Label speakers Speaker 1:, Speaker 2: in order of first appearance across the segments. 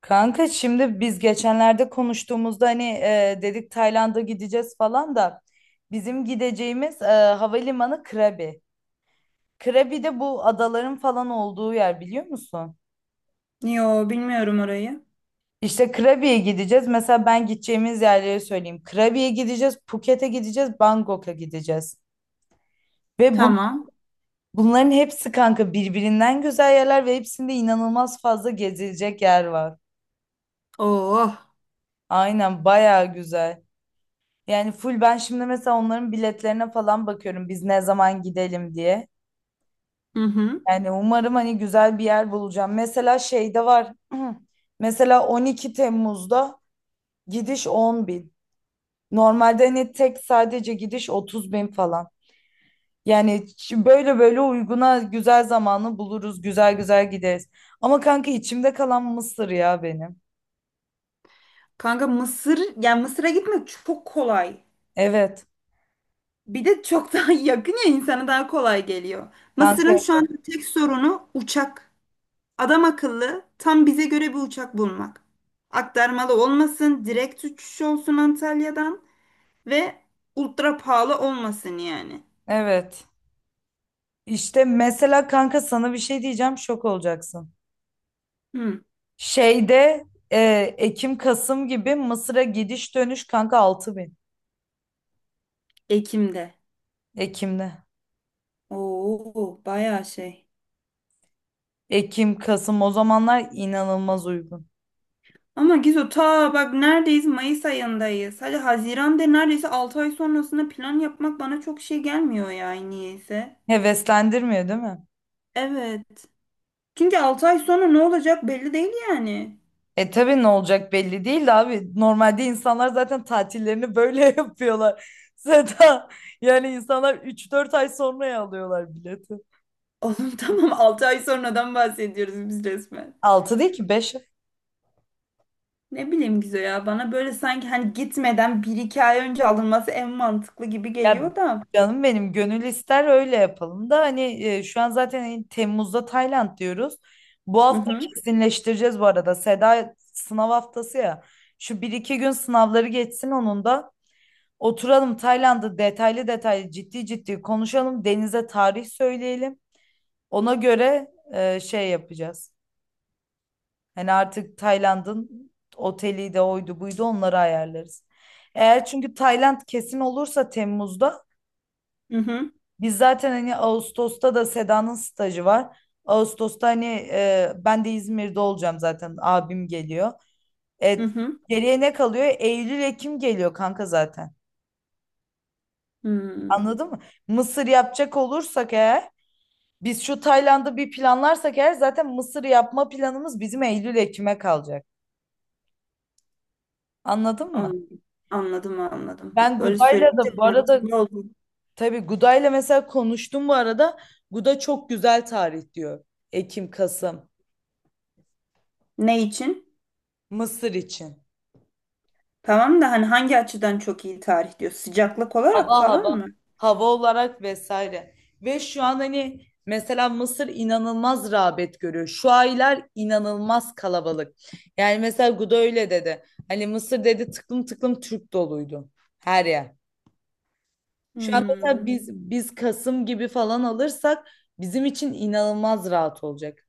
Speaker 1: Kanka, şimdi biz geçenlerde konuştuğumuzda hani dedik Tayland'a gideceğiz falan da bizim gideceğimiz havalimanı Krabi. Krabi de bu adaların falan olduğu yer, biliyor musun?
Speaker 2: Yo bilmiyorum orayı.
Speaker 1: İşte Krabi'ye gideceğiz. Mesela ben gideceğimiz yerleri söyleyeyim. Krabi'ye gideceğiz, Phuket'e gideceğiz, Bangkok'a gideceğiz. Ve bu,
Speaker 2: Tamam.
Speaker 1: bunların hepsi kanka birbirinden güzel yerler ve hepsinde inanılmaz fazla gezilecek yer var.
Speaker 2: Oh.
Speaker 1: Aynen, bayağı güzel. Yani full ben şimdi mesela onların biletlerine falan bakıyorum, biz ne zaman gidelim diye.
Speaker 2: Hı hı.
Speaker 1: Yani umarım hani güzel bir yer bulacağım. Mesela şeyde var. Mesela 12 Temmuz'da gidiş 10 bin. Normalde hani tek sadece gidiş 30 bin falan. Yani böyle böyle uyguna güzel zamanı buluruz. Güzel güzel gideriz. Ama kanka içimde kalan Mısır ya benim.
Speaker 2: Kanka Mısır yani Mısır'a gitmek çok kolay.
Speaker 1: Evet.
Speaker 2: Bir de çok daha yakın ya insana daha kolay geliyor.
Speaker 1: Kanka
Speaker 2: Mısır'ın şu an tek sorunu uçak. Adam akıllı tam bize göre bir uçak bulmak. Aktarmalı olmasın, direkt uçuş olsun Antalya'dan ve ultra pahalı olmasın yani.
Speaker 1: evet. İşte mesela kanka sana bir şey diyeceğim, şok olacaksın.
Speaker 2: Hı.
Speaker 1: Şeyde e, Ekim Kasım gibi Mısır'a gidiş dönüş kanka 6.000.
Speaker 2: Ekim'de.
Speaker 1: Ekim'de.
Speaker 2: Oo, bayağı şey.
Speaker 1: Ekim Kasım, o zamanlar inanılmaz uygun.
Speaker 2: Ama Gizo ta bak neredeyiz? Mayıs ayındayız. Hadi Haziran'da neredeyse 6 ay sonrasında plan yapmak bana çok şey gelmiyor yani niyeyse.
Speaker 1: Heveslendirmiyor değil mi?
Speaker 2: Evet. Çünkü 6 ay sonra ne olacak belli değil yani.
Speaker 1: E tabii ne olacak belli değil de abi. Normalde insanlar zaten tatillerini böyle yapıyorlar. Zaten yani insanlar 3-4 ay sonraya alıyorlar bileti.
Speaker 2: Oğlum tamam 6 ay sonradan bahsediyoruz biz resmen.
Speaker 1: Altı değil ki 5.
Speaker 2: Ne bileyim Gizo ya bana böyle sanki hani gitmeden bir iki ay önce alınması en mantıklı gibi
Speaker 1: Ya,
Speaker 2: geliyor da.
Speaker 1: canım benim, gönül ister öyle yapalım da hani şu an zaten Temmuz'da Tayland diyoruz. Bu
Speaker 2: Hı
Speaker 1: hafta
Speaker 2: hı
Speaker 1: kesinleştireceğiz bu arada. Seda sınav haftası ya. Şu bir iki gün sınavları geçsin onun da. Oturalım, Tayland'ı detaylı detaylı ciddi ciddi konuşalım. Deniz'e tarih söyleyelim. Ona göre şey yapacağız. Hani artık Tayland'ın oteli de oydu buydu, onları ayarlarız. Eğer çünkü Tayland kesin olursa Temmuz'da,
Speaker 2: hı hı
Speaker 1: biz zaten hani Ağustos'ta da Seda'nın stajı var. Ağustos'ta hani ben de İzmir'de olacağım zaten. Abim geliyor.
Speaker 2: hı
Speaker 1: Evet.
Speaker 2: hı.
Speaker 1: Geriye ne kalıyor? Eylül, Ekim geliyor kanka zaten.
Speaker 2: Hmm,
Speaker 1: Anladın mı? Mısır yapacak olursak eğer, biz şu Tayland'ı bir planlarsak eğer zaten Mısır yapma planımız bizim Eylül, Ekim'e kalacak. Anladın mı?
Speaker 2: anladım anladım anladım.
Speaker 1: Ben
Speaker 2: Böyle
Speaker 1: Guda'yla
Speaker 2: söyleyince
Speaker 1: da bu arada,
Speaker 2: mantıklı oldu.
Speaker 1: tabii Guda'yla mesela konuştum bu arada. Guda çok güzel tarih diyor. Ekim, Kasım.
Speaker 2: Ne için?
Speaker 1: Mısır için.
Speaker 2: Tamam da hani hangi açıdan çok iyi tarih diyor? Sıcaklık olarak
Speaker 1: Hava,
Speaker 2: falan
Speaker 1: hava.
Speaker 2: mı?
Speaker 1: Hava olarak vesaire. Ve şu an hani mesela Mısır inanılmaz rağbet görüyor. Şu aylar inanılmaz kalabalık. Yani mesela Guda öyle dedi. Hani Mısır, dedi, tıklım tıklım Türk doluydu her yer. Şu an mesela
Speaker 2: Hmm.
Speaker 1: biz Kasım gibi falan alırsak, bizim için inanılmaz rahat olacak.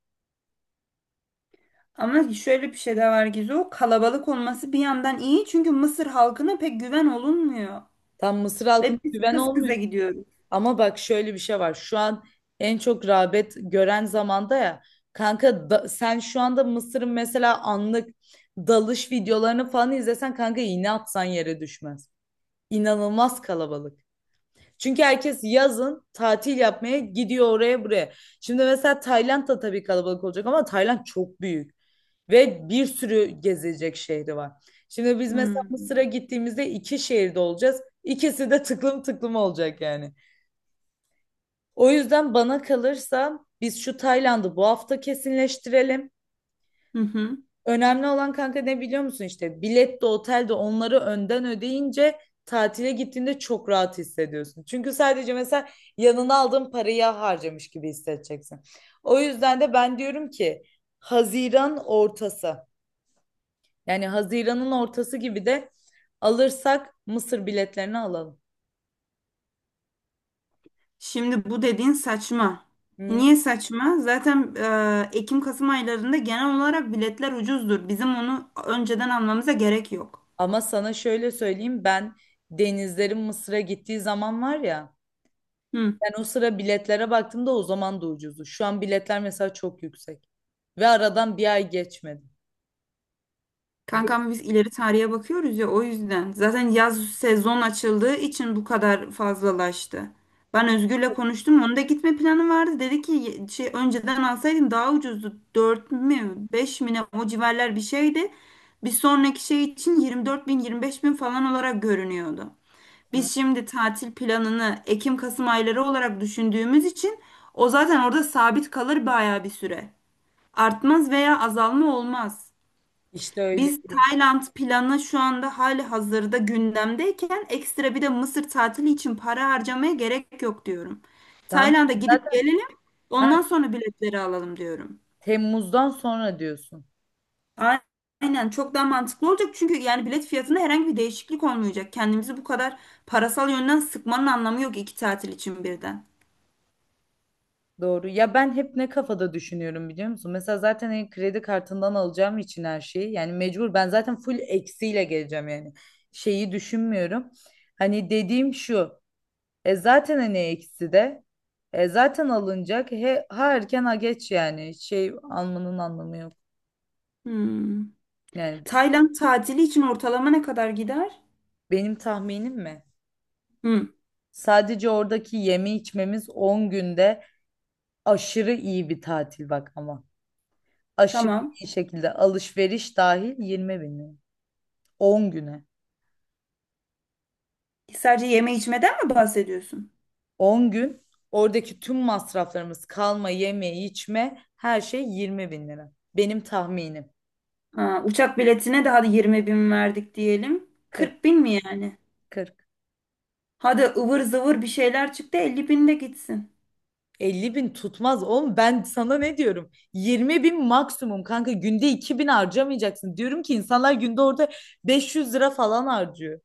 Speaker 2: Ama şöyle bir şey de var Gizu. O kalabalık olması bir yandan iyi çünkü Mısır halkına pek güven olunmuyor.
Speaker 1: Tam Mısır halkına
Speaker 2: Ve biz
Speaker 1: güven
Speaker 2: kız kıza
Speaker 1: olmuyor.
Speaker 2: gidiyoruz.
Speaker 1: Ama bak şöyle bir şey var. Şu an en çok rağbet gören zamanda ya. Kanka sen şu anda Mısır'ın mesela anlık dalış videolarını falan izlesen, kanka iğne atsan yere düşmez. İnanılmaz kalabalık. Çünkü herkes yazın tatil yapmaya gidiyor oraya buraya. Şimdi mesela Tayland da tabii kalabalık olacak ama Tayland çok büyük ve bir sürü gezilecek şehri var. Şimdi biz mesela
Speaker 2: Hmm.
Speaker 1: Mısır'a gittiğimizde iki şehirde olacağız. İkisi de tıklım tıklım olacak yani. O yüzden bana kalırsa biz şu Tayland'ı bu hafta kesinleştirelim.
Speaker 2: Hı hı.
Speaker 1: Önemli olan kanka ne biliyor musun, işte bilet de otel de, onları önden ödeyince tatile gittiğinde çok rahat hissediyorsun. Çünkü sadece mesela yanına aldığın parayı harcamış gibi hissedeceksin. O yüzden de ben diyorum ki Haziran ortası, yani Haziran'ın ortası gibi de alırsak Mısır biletlerini alalım.
Speaker 2: Şimdi bu dediğin saçma.
Speaker 1: Niye?
Speaker 2: Niye saçma? Zaten Ekim-Kasım aylarında genel olarak biletler ucuzdur. Bizim onu önceden almamıza gerek yok.
Speaker 1: Ama sana şöyle söyleyeyim, ben denizlerin Mısır'a gittiği zaman var ya,
Speaker 2: Hı.
Speaker 1: ben o sıra biletlere baktığımda o zaman da ucuzdu. Şu an biletler mesela çok yüksek. Ve aradan bir ay geçmedi. Değil
Speaker 2: Kankam biz ileri tarihe bakıyoruz ya o yüzden. Zaten yaz sezon açıldığı için bu kadar fazlalaştı. Ben Özgür'le konuştum. Onun da gitme planı vardı. Dedi ki şey önceden alsaydın daha ucuzdu. 4 mü 5 mi ne o civarlar bir şeydi. Bir sonraki şey için 24 bin 25 bin falan olarak görünüyordu.
Speaker 1: mi?
Speaker 2: Biz şimdi tatil planını Ekim-Kasım ayları olarak düşündüğümüz için o zaten orada sabit kalır bayağı bir süre. Artmaz veya azalma olmaz.
Speaker 1: İşte öyle
Speaker 2: Biz
Speaker 1: değil.
Speaker 2: Tayland planı şu anda hali hazırda gündemdeyken ekstra bir de Mısır tatili için para harcamaya gerek yok diyorum.
Speaker 1: Tamam.
Speaker 2: Tayland'a gidip
Speaker 1: Zaten,
Speaker 2: gelelim,
Speaker 1: ha,
Speaker 2: ondan sonra biletleri alalım diyorum.
Speaker 1: Temmuz'dan sonra diyorsun.
Speaker 2: A- Aynen, çok daha mantıklı olacak çünkü yani bilet fiyatında herhangi bir değişiklik olmayacak. Kendimizi bu kadar parasal yönden sıkmanın anlamı yok iki tatil için birden.
Speaker 1: Doğru. Ya ben hep ne kafada düşünüyorum, biliyor musun? Mesela zaten hani kredi kartından alacağım için her şeyi. Yani mecbur ben zaten full eksiyle geleceğim yani. Şeyi düşünmüyorum. Hani dediğim şu. E zaten hani eksi de. E zaten alınacak. He, ha erken ha geç yani. Şey almanın anlamı yok.
Speaker 2: Hmm.
Speaker 1: Yani
Speaker 2: Tayland tatili için ortalama ne kadar gider?
Speaker 1: benim tahminim mi?
Speaker 2: Hmm,
Speaker 1: Sadece oradaki yeme içmemiz 10 günde, aşırı iyi bir tatil bak ama. Aşırı
Speaker 2: tamam.
Speaker 1: iyi şekilde alışveriş dahil 20.000 lira. 10 güne.
Speaker 2: Sadece yeme içmeden mi bahsediyorsun?
Speaker 1: 10 gün oradaki tüm masraflarımız kalma, yeme, içme, her şey 20.000 lira. Benim tahminim.
Speaker 2: Ha, uçak biletine de hadi 20 bin verdik diyelim.
Speaker 1: 40,
Speaker 2: 40 bin mi yani?
Speaker 1: 40.
Speaker 2: Hadi ıvır zıvır bir şeyler çıktı 50 bin de gitsin.
Speaker 1: 50.000 tutmaz oğlum, ben sana ne diyorum, 20.000 maksimum kanka, günde 2.000 harcamayacaksın diyorum ki insanlar günde orada 500 lira falan harcıyor.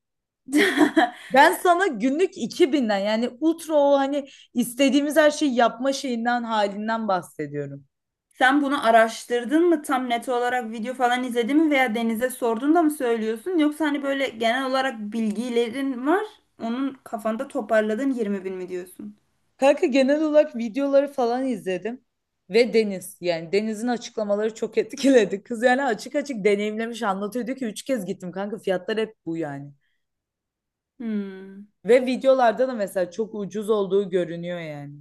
Speaker 1: Ben sana günlük 2.000'den, yani ultra o hani istediğimiz her şeyi yapma şeyinden halinden bahsediyorum.
Speaker 2: Sen bunu araştırdın mı? Tam net olarak video falan izledin mi veya Deniz'e sordun da mı söylüyorsun? Yoksa hani böyle genel olarak bilgilerin var. Onun kafanda toparladın, 20 bin mi diyorsun?
Speaker 1: Kanka genel olarak videoları falan izledim ve Deniz, yani Deniz'in açıklamaları çok etkiledi. Kız yani açık açık deneyimlemiş anlatıyor, diyor ki 3 kez gittim kanka, fiyatlar hep bu yani.
Speaker 2: Hmm.
Speaker 1: Ve videolarda da mesela çok ucuz olduğu görünüyor yani.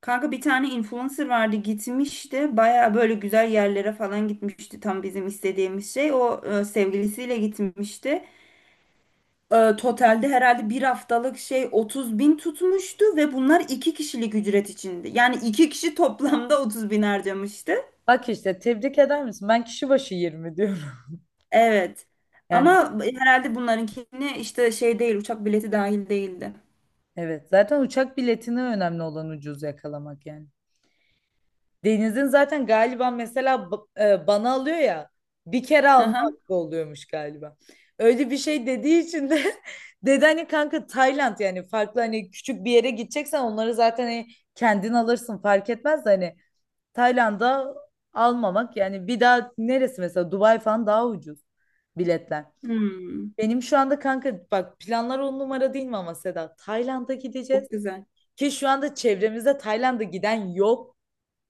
Speaker 2: Kanka bir tane influencer vardı gitmişti. Baya böyle güzel yerlere falan gitmişti. Tam bizim istediğimiz şey. O sevgilisiyle gitmişti. Totalde herhalde bir haftalık şey 30 bin tutmuştu ve bunlar iki kişilik ücret içindi. Yani iki kişi toplamda 30 bin harcamıştı.
Speaker 1: Bak işte, tebrik eder misin? Ben kişi başı 20 diyorum.
Speaker 2: Evet.
Speaker 1: Yani
Speaker 2: Ama herhalde bunlarınkini işte şey değil, uçak bileti dahil değildi.
Speaker 1: evet, zaten uçak biletine, önemli olan ucuz yakalamak yani. Deniz'in zaten galiba mesela bana alıyor ya, bir kere
Speaker 2: Hı
Speaker 1: alma
Speaker 2: hı.
Speaker 1: hakkı oluyormuş galiba. Öyle bir şey dediği için de dedi hani kanka Tayland, yani farklı hani küçük bir yere gideceksen onları zaten hani kendin alırsın, fark etmez de hani Tayland'a almamak, yani bir daha neresi mesela Dubai falan daha ucuz biletler.
Speaker 2: Hmm,
Speaker 1: Benim şu anda kanka bak planlar on numara değil mi, ama Seda Tayland'a gideceğiz
Speaker 2: çok güzel.
Speaker 1: ki şu anda çevremizde Tayland'a giden yok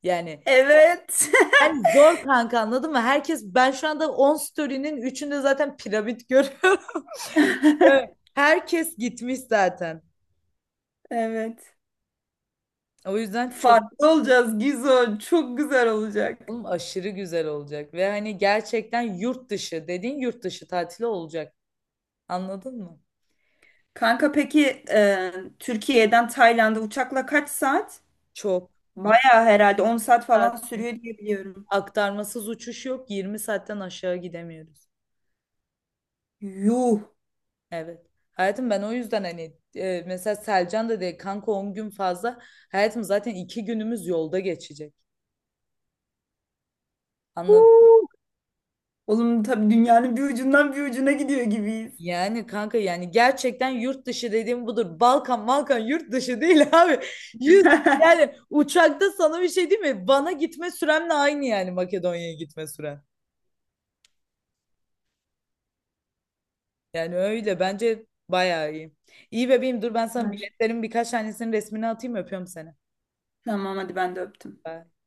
Speaker 1: yani,
Speaker 2: Evet.
Speaker 1: yani zor kanka, anladın mı? Herkes, ben şu anda 10 story'nin üçünde zaten piramit görüyorum. Ve herkes gitmiş zaten.
Speaker 2: Evet.
Speaker 1: O yüzden çok
Speaker 2: Farklı olacağız Gizo. Çok güzel olacak.
Speaker 1: oğlum aşırı güzel olacak ve hani gerçekten yurt dışı dediğin yurt dışı tatili olacak. Anladın mı?
Speaker 2: Kanka peki Türkiye'den Tayland'a uçakla kaç saat?
Speaker 1: Çok. 20
Speaker 2: Bayağı herhalde 10 saat falan
Speaker 1: saat
Speaker 2: sürüyor diye biliyorum.
Speaker 1: aktarmasız uçuş yok. 20 saatten aşağı gidemiyoruz.
Speaker 2: Yuh.
Speaker 1: Evet. Hayatım, ben o yüzden hani mesela Selcan da dedi kanka 10 gün fazla. Hayatım zaten 2 günümüz yolda geçecek. Anladın.
Speaker 2: Huu. Oğlum tabii dünyanın bir ucundan bir ucuna gidiyor gibiyiz.
Speaker 1: Yani kanka, yani gerçekten yurt dışı dediğim budur. Balkan Balkan yurt dışı değil abi. Yüz, yani uçakta sana bir şey değil mi? Van'a gitme süremle aynı, yani Makedonya'ya gitme süren. Yani öyle bence bayağı iyi. İyi bebeğim, dur ben sana
Speaker 2: Ver.
Speaker 1: biletlerin birkaç tanesinin resmini atayım, öpüyorum seni.
Speaker 2: Tamam hadi ben de öptüm.
Speaker 1: Bye.